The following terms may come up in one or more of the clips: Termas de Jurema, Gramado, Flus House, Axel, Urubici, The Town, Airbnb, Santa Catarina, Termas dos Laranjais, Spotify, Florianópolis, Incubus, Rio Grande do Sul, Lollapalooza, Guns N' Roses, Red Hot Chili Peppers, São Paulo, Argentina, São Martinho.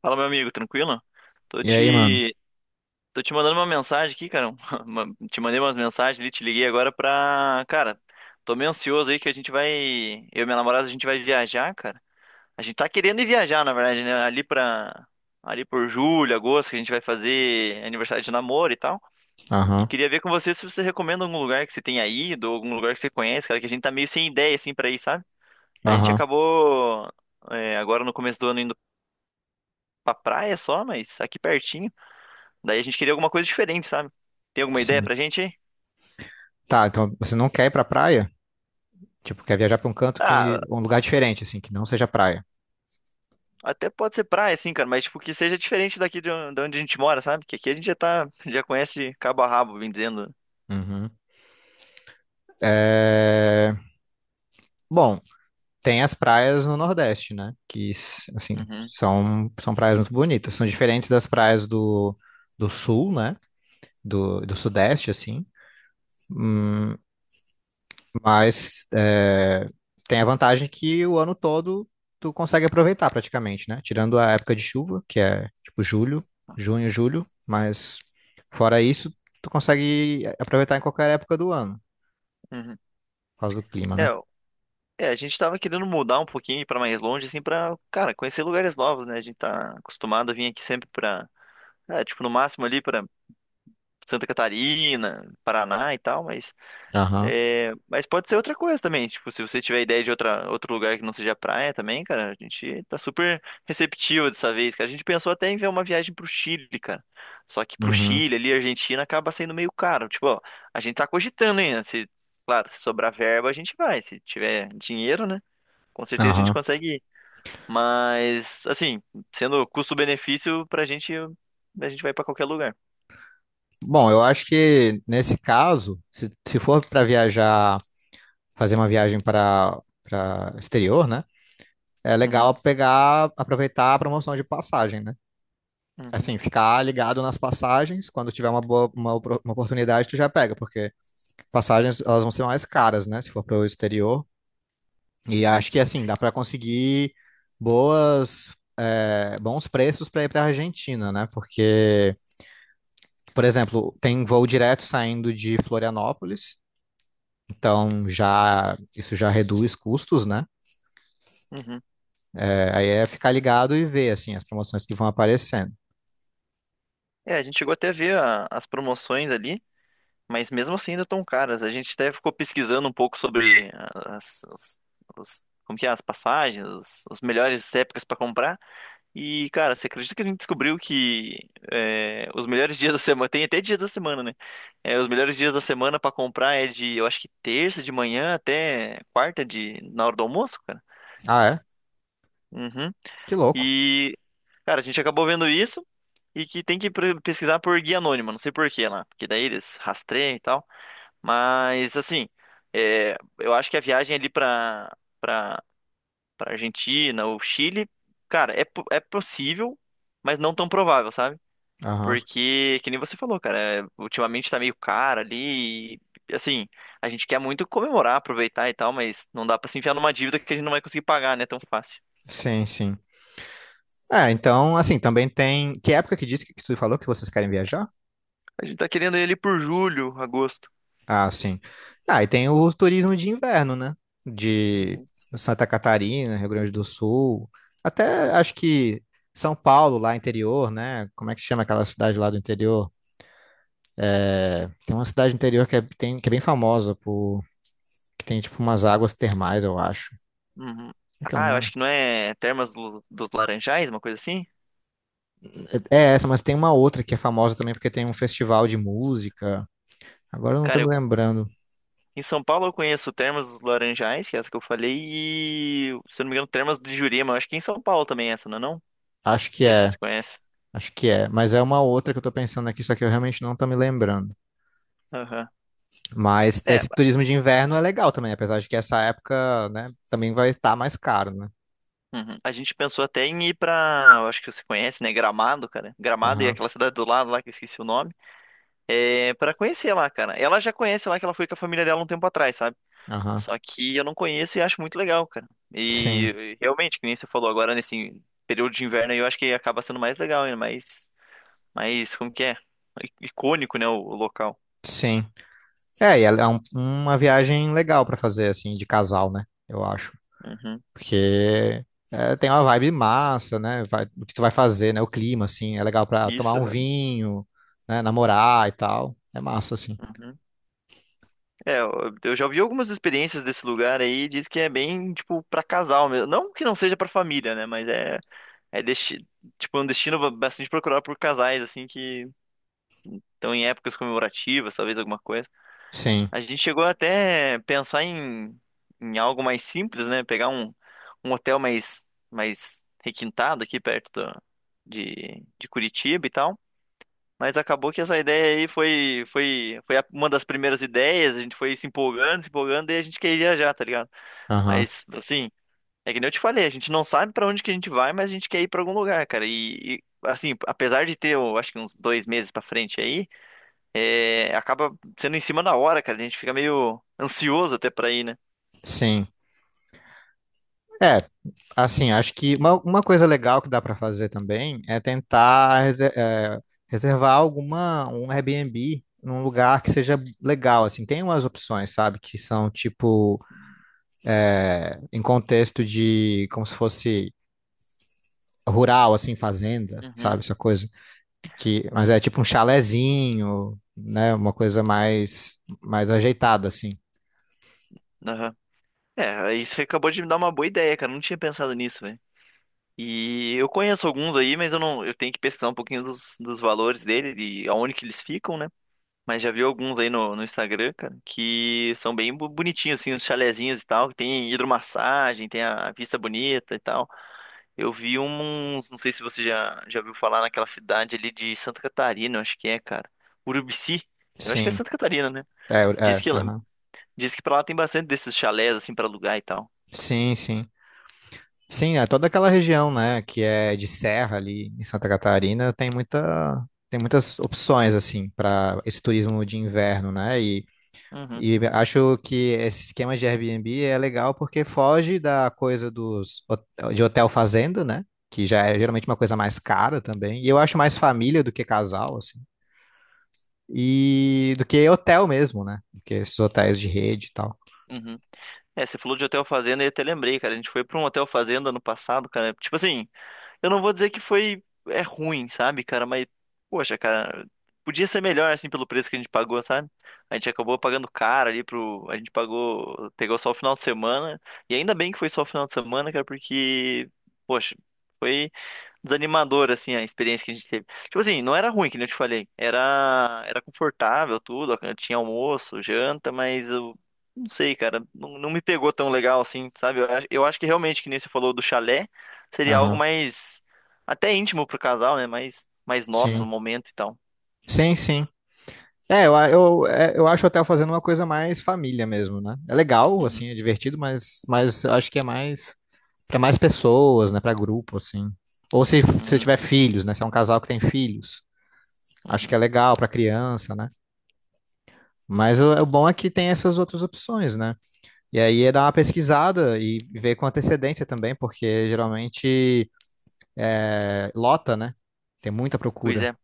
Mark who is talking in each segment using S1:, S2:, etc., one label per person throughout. S1: Fala, meu amigo, tranquilo? Tô
S2: E aí, mano?
S1: te, tô te mandando uma mensagem aqui, cara. Te mandei umas mensagens ali, te liguei agora pra. Cara, tô meio ansioso aí que a gente vai. Eu e minha namorada, a gente vai viajar, cara. A gente tá querendo ir viajar, na verdade, né? Ali pra. Ali por julho, agosto, que a gente vai fazer aniversário de namoro e tal. E
S2: Aham,
S1: queria ver com você se você recomenda algum lugar que você tenha ido, ou algum lugar que você conhece, cara, que a gente tá meio sem ideia, assim, pra ir, sabe? A gente
S2: aham,
S1: acabou, é, agora no começo do ano indo pra praia só, mas aqui pertinho. Daí a gente queria alguma coisa diferente, sabe? Tem alguma ideia
S2: sim.
S1: pra gente aí?
S2: Tá, então você não quer ir pra praia? Tipo, quer viajar pra um canto
S1: Ah,
S2: um lugar diferente, assim, que não seja praia.
S1: até pode ser praia, sim, cara, mas tipo, que seja diferente daqui de onde a gente mora, sabe? Que aqui a gente já tá, já conhece de cabo a rabo, bem dizendo.
S2: Uhum. É... Bom, tem as praias no Nordeste, né? Assim,
S1: Uhum,
S2: são praias muito bonitas. São diferentes das praias do Sul, né? Do Sudeste, assim. Hum, Mas é, tem a vantagem que o ano todo tu consegue aproveitar praticamente, né? Tirando a época de chuva, que é tipo julho, junho, julho, mas fora isso, tu consegue aproveitar em qualquer época do ano,
S1: uhum.
S2: por causa do clima, né?
S1: É, o- é, a gente tava querendo mudar um pouquinho pra mais longe, assim, pra, cara, conhecer lugares novos, né? A gente tá acostumado a vir aqui sempre pra, é, tipo, no máximo ali pra Santa Catarina, Paraná e tal, mas
S2: Aham,
S1: é, mas pode ser outra coisa também. Tipo, se você tiver ideia outro lugar que não seja praia também, cara, a gente tá super receptivo dessa vez, cara. A gente pensou até em ver uma viagem pro Chile, cara. Só que pro
S2: uhum,
S1: Chile ali, a Argentina acaba sendo meio caro. Tipo, ó, a gente tá cogitando ainda. Se, claro, se sobrar verba, a gente vai. Se tiver dinheiro, né? Com certeza a gente
S2: aham.
S1: consegue ir. Mas, assim, sendo custo-benefício pra gente, a gente vai pra qualquer lugar.
S2: Bom, eu acho que nesse caso, se for para viajar, fazer uma viagem para exterior, né? É
S1: Uhum,
S2: legal pegar, aproveitar a promoção de passagem, né?
S1: uhum,
S2: Assim, ficar ligado nas passagens, quando tiver uma uma oportunidade, tu já pega, porque passagens elas vão ser mais caras, né, se for para o exterior. E
S1: uhum,
S2: acho que assim, dá para conseguir boas é, bons preços para ir para a Argentina, né? Porque, por exemplo, tem voo direto saindo de Florianópolis, então já isso já reduz custos, né?
S1: uhum.
S2: É, aí é ficar ligado e ver, assim, as promoções que vão aparecendo.
S1: É, a gente chegou até a ver as promoções ali. Mas mesmo assim ainda tão caras. A gente até ficou pesquisando um pouco sobre ah, como que é, as passagens, os melhores épocas para comprar. E, cara, você acredita que a gente descobriu que é, os melhores dias da semana, tem até dias da semana, né? É, os melhores dias da semana para comprar é de, eu acho que terça de manhã até quarta de, na hora do almoço, cara.
S2: Ah, é?
S1: Uhum.
S2: Que louco.
S1: E, cara, a gente acabou vendo isso e que tem que pesquisar por guia anônima não sei por quê lá, porque daí eles rastreiam e tal. Mas assim, é, eu acho que a viagem ali pra para para Argentina ou Chile, cara, é possível, mas não tão provável, sabe?
S2: Aham.
S1: Porque, que nem você falou, cara, é, ultimamente tá meio caro ali, e, assim, a gente quer muito comemorar, aproveitar e tal, mas não dá pra se enfiar numa dívida que a gente não vai conseguir pagar, né, tão fácil.
S2: Sim, sim. É, então, assim, também tem. Que época que disse que tu falou que vocês querem viajar?
S1: A gente tá querendo ir ali por julho, agosto.
S2: Ah, sim. Ah, e tem o turismo de inverno, né? De
S1: Uhum.
S2: Santa Catarina, Rio Grande do Sul, até acho que São Paulo, lá interior, né? Como é que chama aquela cidade lá do interior? Tem uma cidade interior tem, que é bem famosa por que tem tipo umas águas termais, eu acho.
S1: Uhum.
S2: Como é que é o
S1: Ah, eu
S2: nome?
S1: acho que não é Termas dos Laranjais, uma coisa assim?
S2: É é essa, mas tem uma outra que é famosa também porque tem um festival de música. Agora eu não tô
S1: Cara,
S2: me
S1: eu
S2: lembrando.
S1: Em São Paulo eu conheço Termas dos Laranjais, que é essa que eu falei, e, se eu não me engano, Termas de Jurema. Acho que em São Paulo também é essa, não é não? Não
S2: Acho que
S1: sei se
S2: é,
S1: você conhece.
S2: acho que é, mas é uma outra que eu tô pensando aqui, só que eu realmente não tô me lembrando.
S1: Aham.
S2: Mas
S1: É,
S2: esse turismo de inverno é legal também, apesar de que essa época, né, também vai estar mais caro, né?
S1: uhum. A gente pensou até em ir pra, eu acho que você conhece, né? Gramado, cara. Gramado e
S2: Aham,
S1: aquela cidade do lado lá, que eu esqueci o nome. É, pra conhecer lá, cara. Ela já conhece lá, que ela foi com a família dela um tempo atrás, sabe?
S2: aham.
S1: Só que eu não conheço e acho muito legal, cara.
S2: Sim,
S1: E realmente, que nem você falou agora, nesse período de inverno aí, eu acho que acaba sendo mais legal, ainda mais mas como que é? Icônico, né, o local.
S2: sim. É, e ela é uma viagem legal pra fazer, assim, de casal, né? Eu acho.
S1: Uhum.
S2: Porque é, tem uma vibe massa, né? Vai, o que tu vai fazer, né? O clima, assim, é legal pra tomar
S1: Isso,
S2: um
S1: aham.
S2: vinho, né? Namorar e tal. É massa, assim.
S1: Uhum. É, eu eu já ouvi algumas experiências desse lugar aí, diz que é bem, tipo, pra casal mesmo. Não que não seja pra família, né, mas é desti... tipo, um destino bastante procurado por casais, assim, que estão em épocas comemorativas, talvez alguma coisa.
S2: Sim,
S1: A gente chegou até a pensar em algo mais simples, né, um hotel mais, mais requintado aqui de Curitiba e tal. Mas acabou que essa ideia aí foi uma das primeiras ideias, a gente foi se empolgando, se empolgando, e a gente quer ir viajar, tá ligado?
S2: aham,
S1: Mas, assim, é que nem eu te falei, a gente não sabe pra onde que a gente vai, mas a gente quer ir pra algum lugar, cara. E, assim, apesar de ter, eu acho que uns dois meses pra frente aí, é, acaba sendo em cima da hora, cara. A gente fica meio ansioso até pra ir, né?
S2: sim. É, assim, acho que uma coisa legal que dá para fazer também é tentar reservar alguma, um Airbnb num lugar que seja legal, assim, tem umas opções, sabe, que são tipo em contexto de como se fosse rural, assim, fazenda, sabe,
S1: Uhum,
S2: essa coisa que, mas é tipo um chalezinho, né, uma coisa mais mais ajeitada, assim.
S1: aham. É, aí você acabou de me dar uma boa ideia, cara. Eu não tinha pensado nisso. E eu conheço alguns aí, mas eu não, eu tenho que pesquisar um pouquinho dos valores dele e aonde que eles ficam, né? Mas já vi alguns aí no Instagram, cara, que são bem bonitinhos, assim, os chalezinhos e tal, que tem hidromassagem, tem a vista bonita e tal. Eu vi uns, não sei se você já, já ouviu falar naquela cidade ali de Santa Catarina, eu acho que é, cara. Urubici, eu acho que é
S2: Sim,
S1: Santa Catarina, né?
S2: é,
S1: Diz
S2: é,
S1: que,
S2: aham.
S1: diz que pra lá tem bastante desses chalés, assim, pra alugar e tal.
S2: Sim, sim. Sim, é toda aquela região, né, que é de serra ali em Santa Catarina, tem muita, tem muitas opções assim para esse turismo de inverno, né?
S1: Uhum.
S2: E acho que esse esquema de Airbnb é legal porque foge da coisa de hotel fazenda, né? Que já é geralmente uma coisa mais cara também. E eu acho mais família do que casal, assim. E do que hotel mesmo, né? Do que esses hotéis de rede e tal.
S1: Uhum. É, você falou de hotel fazenda e eu até lembrei, cara. A gente foi pra um hotel fazenda ano passado, cara. Tipo assim, eu não vou dizer que foi ruim, sabe, cara, mas poxa, cara, podia ser melhor assim pelo preço que a gente pagou, sabe? A gente acabou pagando caro ali pro, a gente pagou, pegou só o final de semana, e ainda bem que foi só o final de semana, cara, porque poxa, foi desanimador assim a experiência que a gente teve. Tipo assim, não era ruim, que nem eu te falei, era confortável tudo, tinha almoço, janta, mas eu não sei, cara, não, não me pegou tão legal assim, sabe? Eu acho que realmente que nem você falou do chalé seria algo
S2: Aham.
S1: mais até íntimo pro casal, né? Mais, mais nosso
S2: Sim,
S1: momento e tal.
S2: sim, sim. É, eu, a- eu, é, eu acho o hotel fazendo uma coisa mais família mesmo, né? É legal, assim,
S1: Uhum,
S2: é divertido, mas eu acho que é mais para mais pessoas, né? Para grupo, assim. Ou se você
S1: uhum,
S2: tiver filhos, né? Se é um casal que tem filhos, acho que
S1: uhum.
S2: é legal para criança, né? Mas o bom é que tem essas outras opções, né? E aí é dar uma pesquisada e ver com antecedência também, porque geralmente é, lota, né? Tem muita
S1: Pois
S2: procura.
S1: é.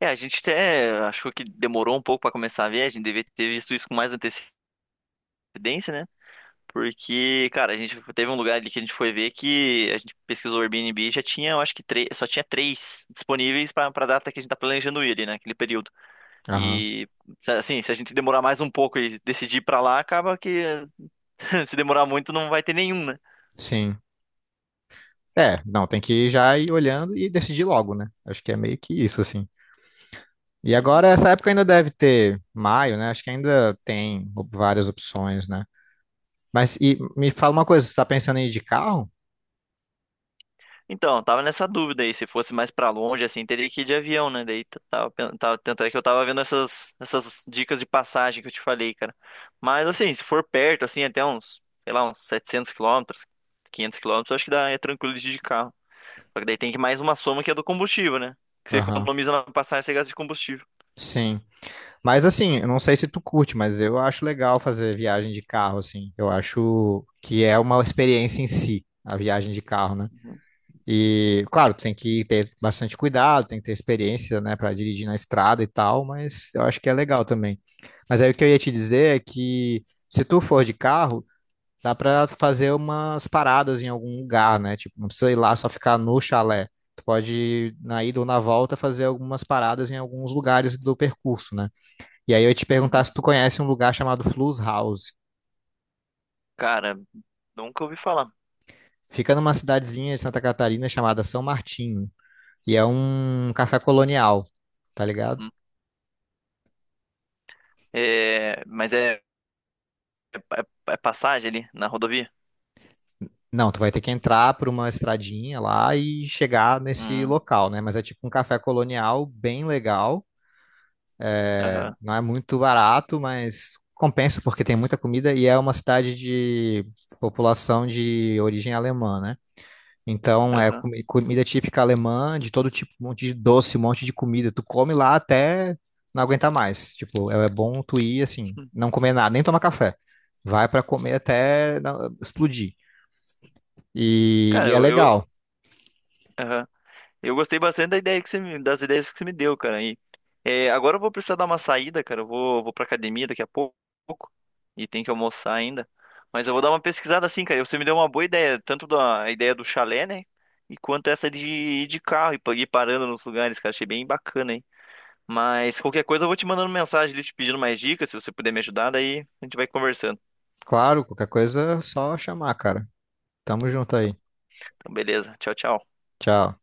S1: É, a gente até achou que demorou um pouco pra começar a ver, a gente devia ter visto isso com mais antecedência, né? Porque, cara, a gente teve um lugar ali que a gente foi ver que a gente pesquisou o Airbnb e já tinha, eu acho que três, só tinha três disponíveis pra para data que a gente tá planejando ir, ali, né? Aquele período.
S2: Aham.
S1: E assim, se a gente demorar mais um pouco e decidir ir pra lá, acaba que se demorar muito não vai ter nenhum, né?
S2: Sim. É, não, tem que ir já ir olhando e decidir logo, né? Acho que é meio que isso, assim. E agora,
S1: Uhum.
S2: essa época ainda deve ter maio, né? Acho que ainda tem várias opções, né? Mas e, me fala uma coisa, tu tá pensando em ir de carro?
S1: Então, eu tava nessa dúvida aí, se fosse mais pra longe, assim, teria que ir de avião, né? Daí tava, tanto é que eu tava vendo essas dicas de passagem que eu te falei, cara. Mas, assim, se for perto, assim, até uns, sei lá, uns 700 km, 500 km, eu acho que dá, é tranquilo de ir de carro. Só que daí tem que mais uma soma que é do combustível, né? Que você
S2: Aham,
S1: economiza na passagem, você gasta de combustível.
S2: sim. Mas assim, eu não sei se tu curte, mas eu acho legal fazer viagem de carro, assim. Eu acho que é uma experiência em si, a viagem de carro, né?
S1: Uhum.
S2: E, claro, tem que ter bastante cuidado, tem que ter experiência, né, para dirigir na estrada e tal, mas eu acho que é legal também. Mas aí o que eu ia te dizer é que se tu for de carro, dá para fazer umas paradas em algum lugar, né? Tipo, não precisa ir lá só ficar no chalé. Tu pode, na ida ou na volta, fazer algumas paradas em alguns lugares do percurso, né? E aí eu ia te perguntar
S1: Uhum.
S2: se tu conhece um lugar chamado Flus House.
S1: Cara, nunca ouvi falar.
S2: Fica numa cidadezinha de Santa Catarina chamada São Martinho, e é um café colonial, tá ligado?
S1: Uhum. É, mas é passagem ali na rodovia?
S2: Não, tu vai ter que entrar por uma estradinha lá e chegar nesse
S1: Hum,
S2: local, né? Mas é tipo um café colonial bem legal.
S1: aham,
S2: Não é muito barato, mas compensa porque tem muita comida e é uma cidade de população de origem alemã, né? Então é
S1: aham.
S2: comida típica alemã, de todo tipo, um monte de doce, um monte de comida. Tu come lá até não aguentar mais. Tipo, é é bom tu ir assim, não comer nada, nem tomar café. Vai pra comer até explodir.
S1: Cara,
S2: E é
S1: eu, eu,
S2: legal.
S1: aham. Eu gostei bastante da ideia que você das ideias que você me deu, cara. E, é, agora eu vou precisar dar uma saída, cara. Vou pra academia daqui a pouco. E tem que almoçar ainda. Mas eu vou dar uma pesquisada assim, cara. Você me deu uma boa ideia, tanto da a ideia do chalé, né? E quanto essa de ir de carro e ir parando nos lugares, cara. Achei bem bacana, hein? Mas qualquer coisa eu vou te mandando mensagem ali, te pedindo mais dicas. Se você puder me ajudar, daí a gente vai conversando.
S2: Claro, qualquer coisa é só chamar, cara. Tamo junto aí.
S1: Então, beleza. Tchau, tchau.
S2: Tchau.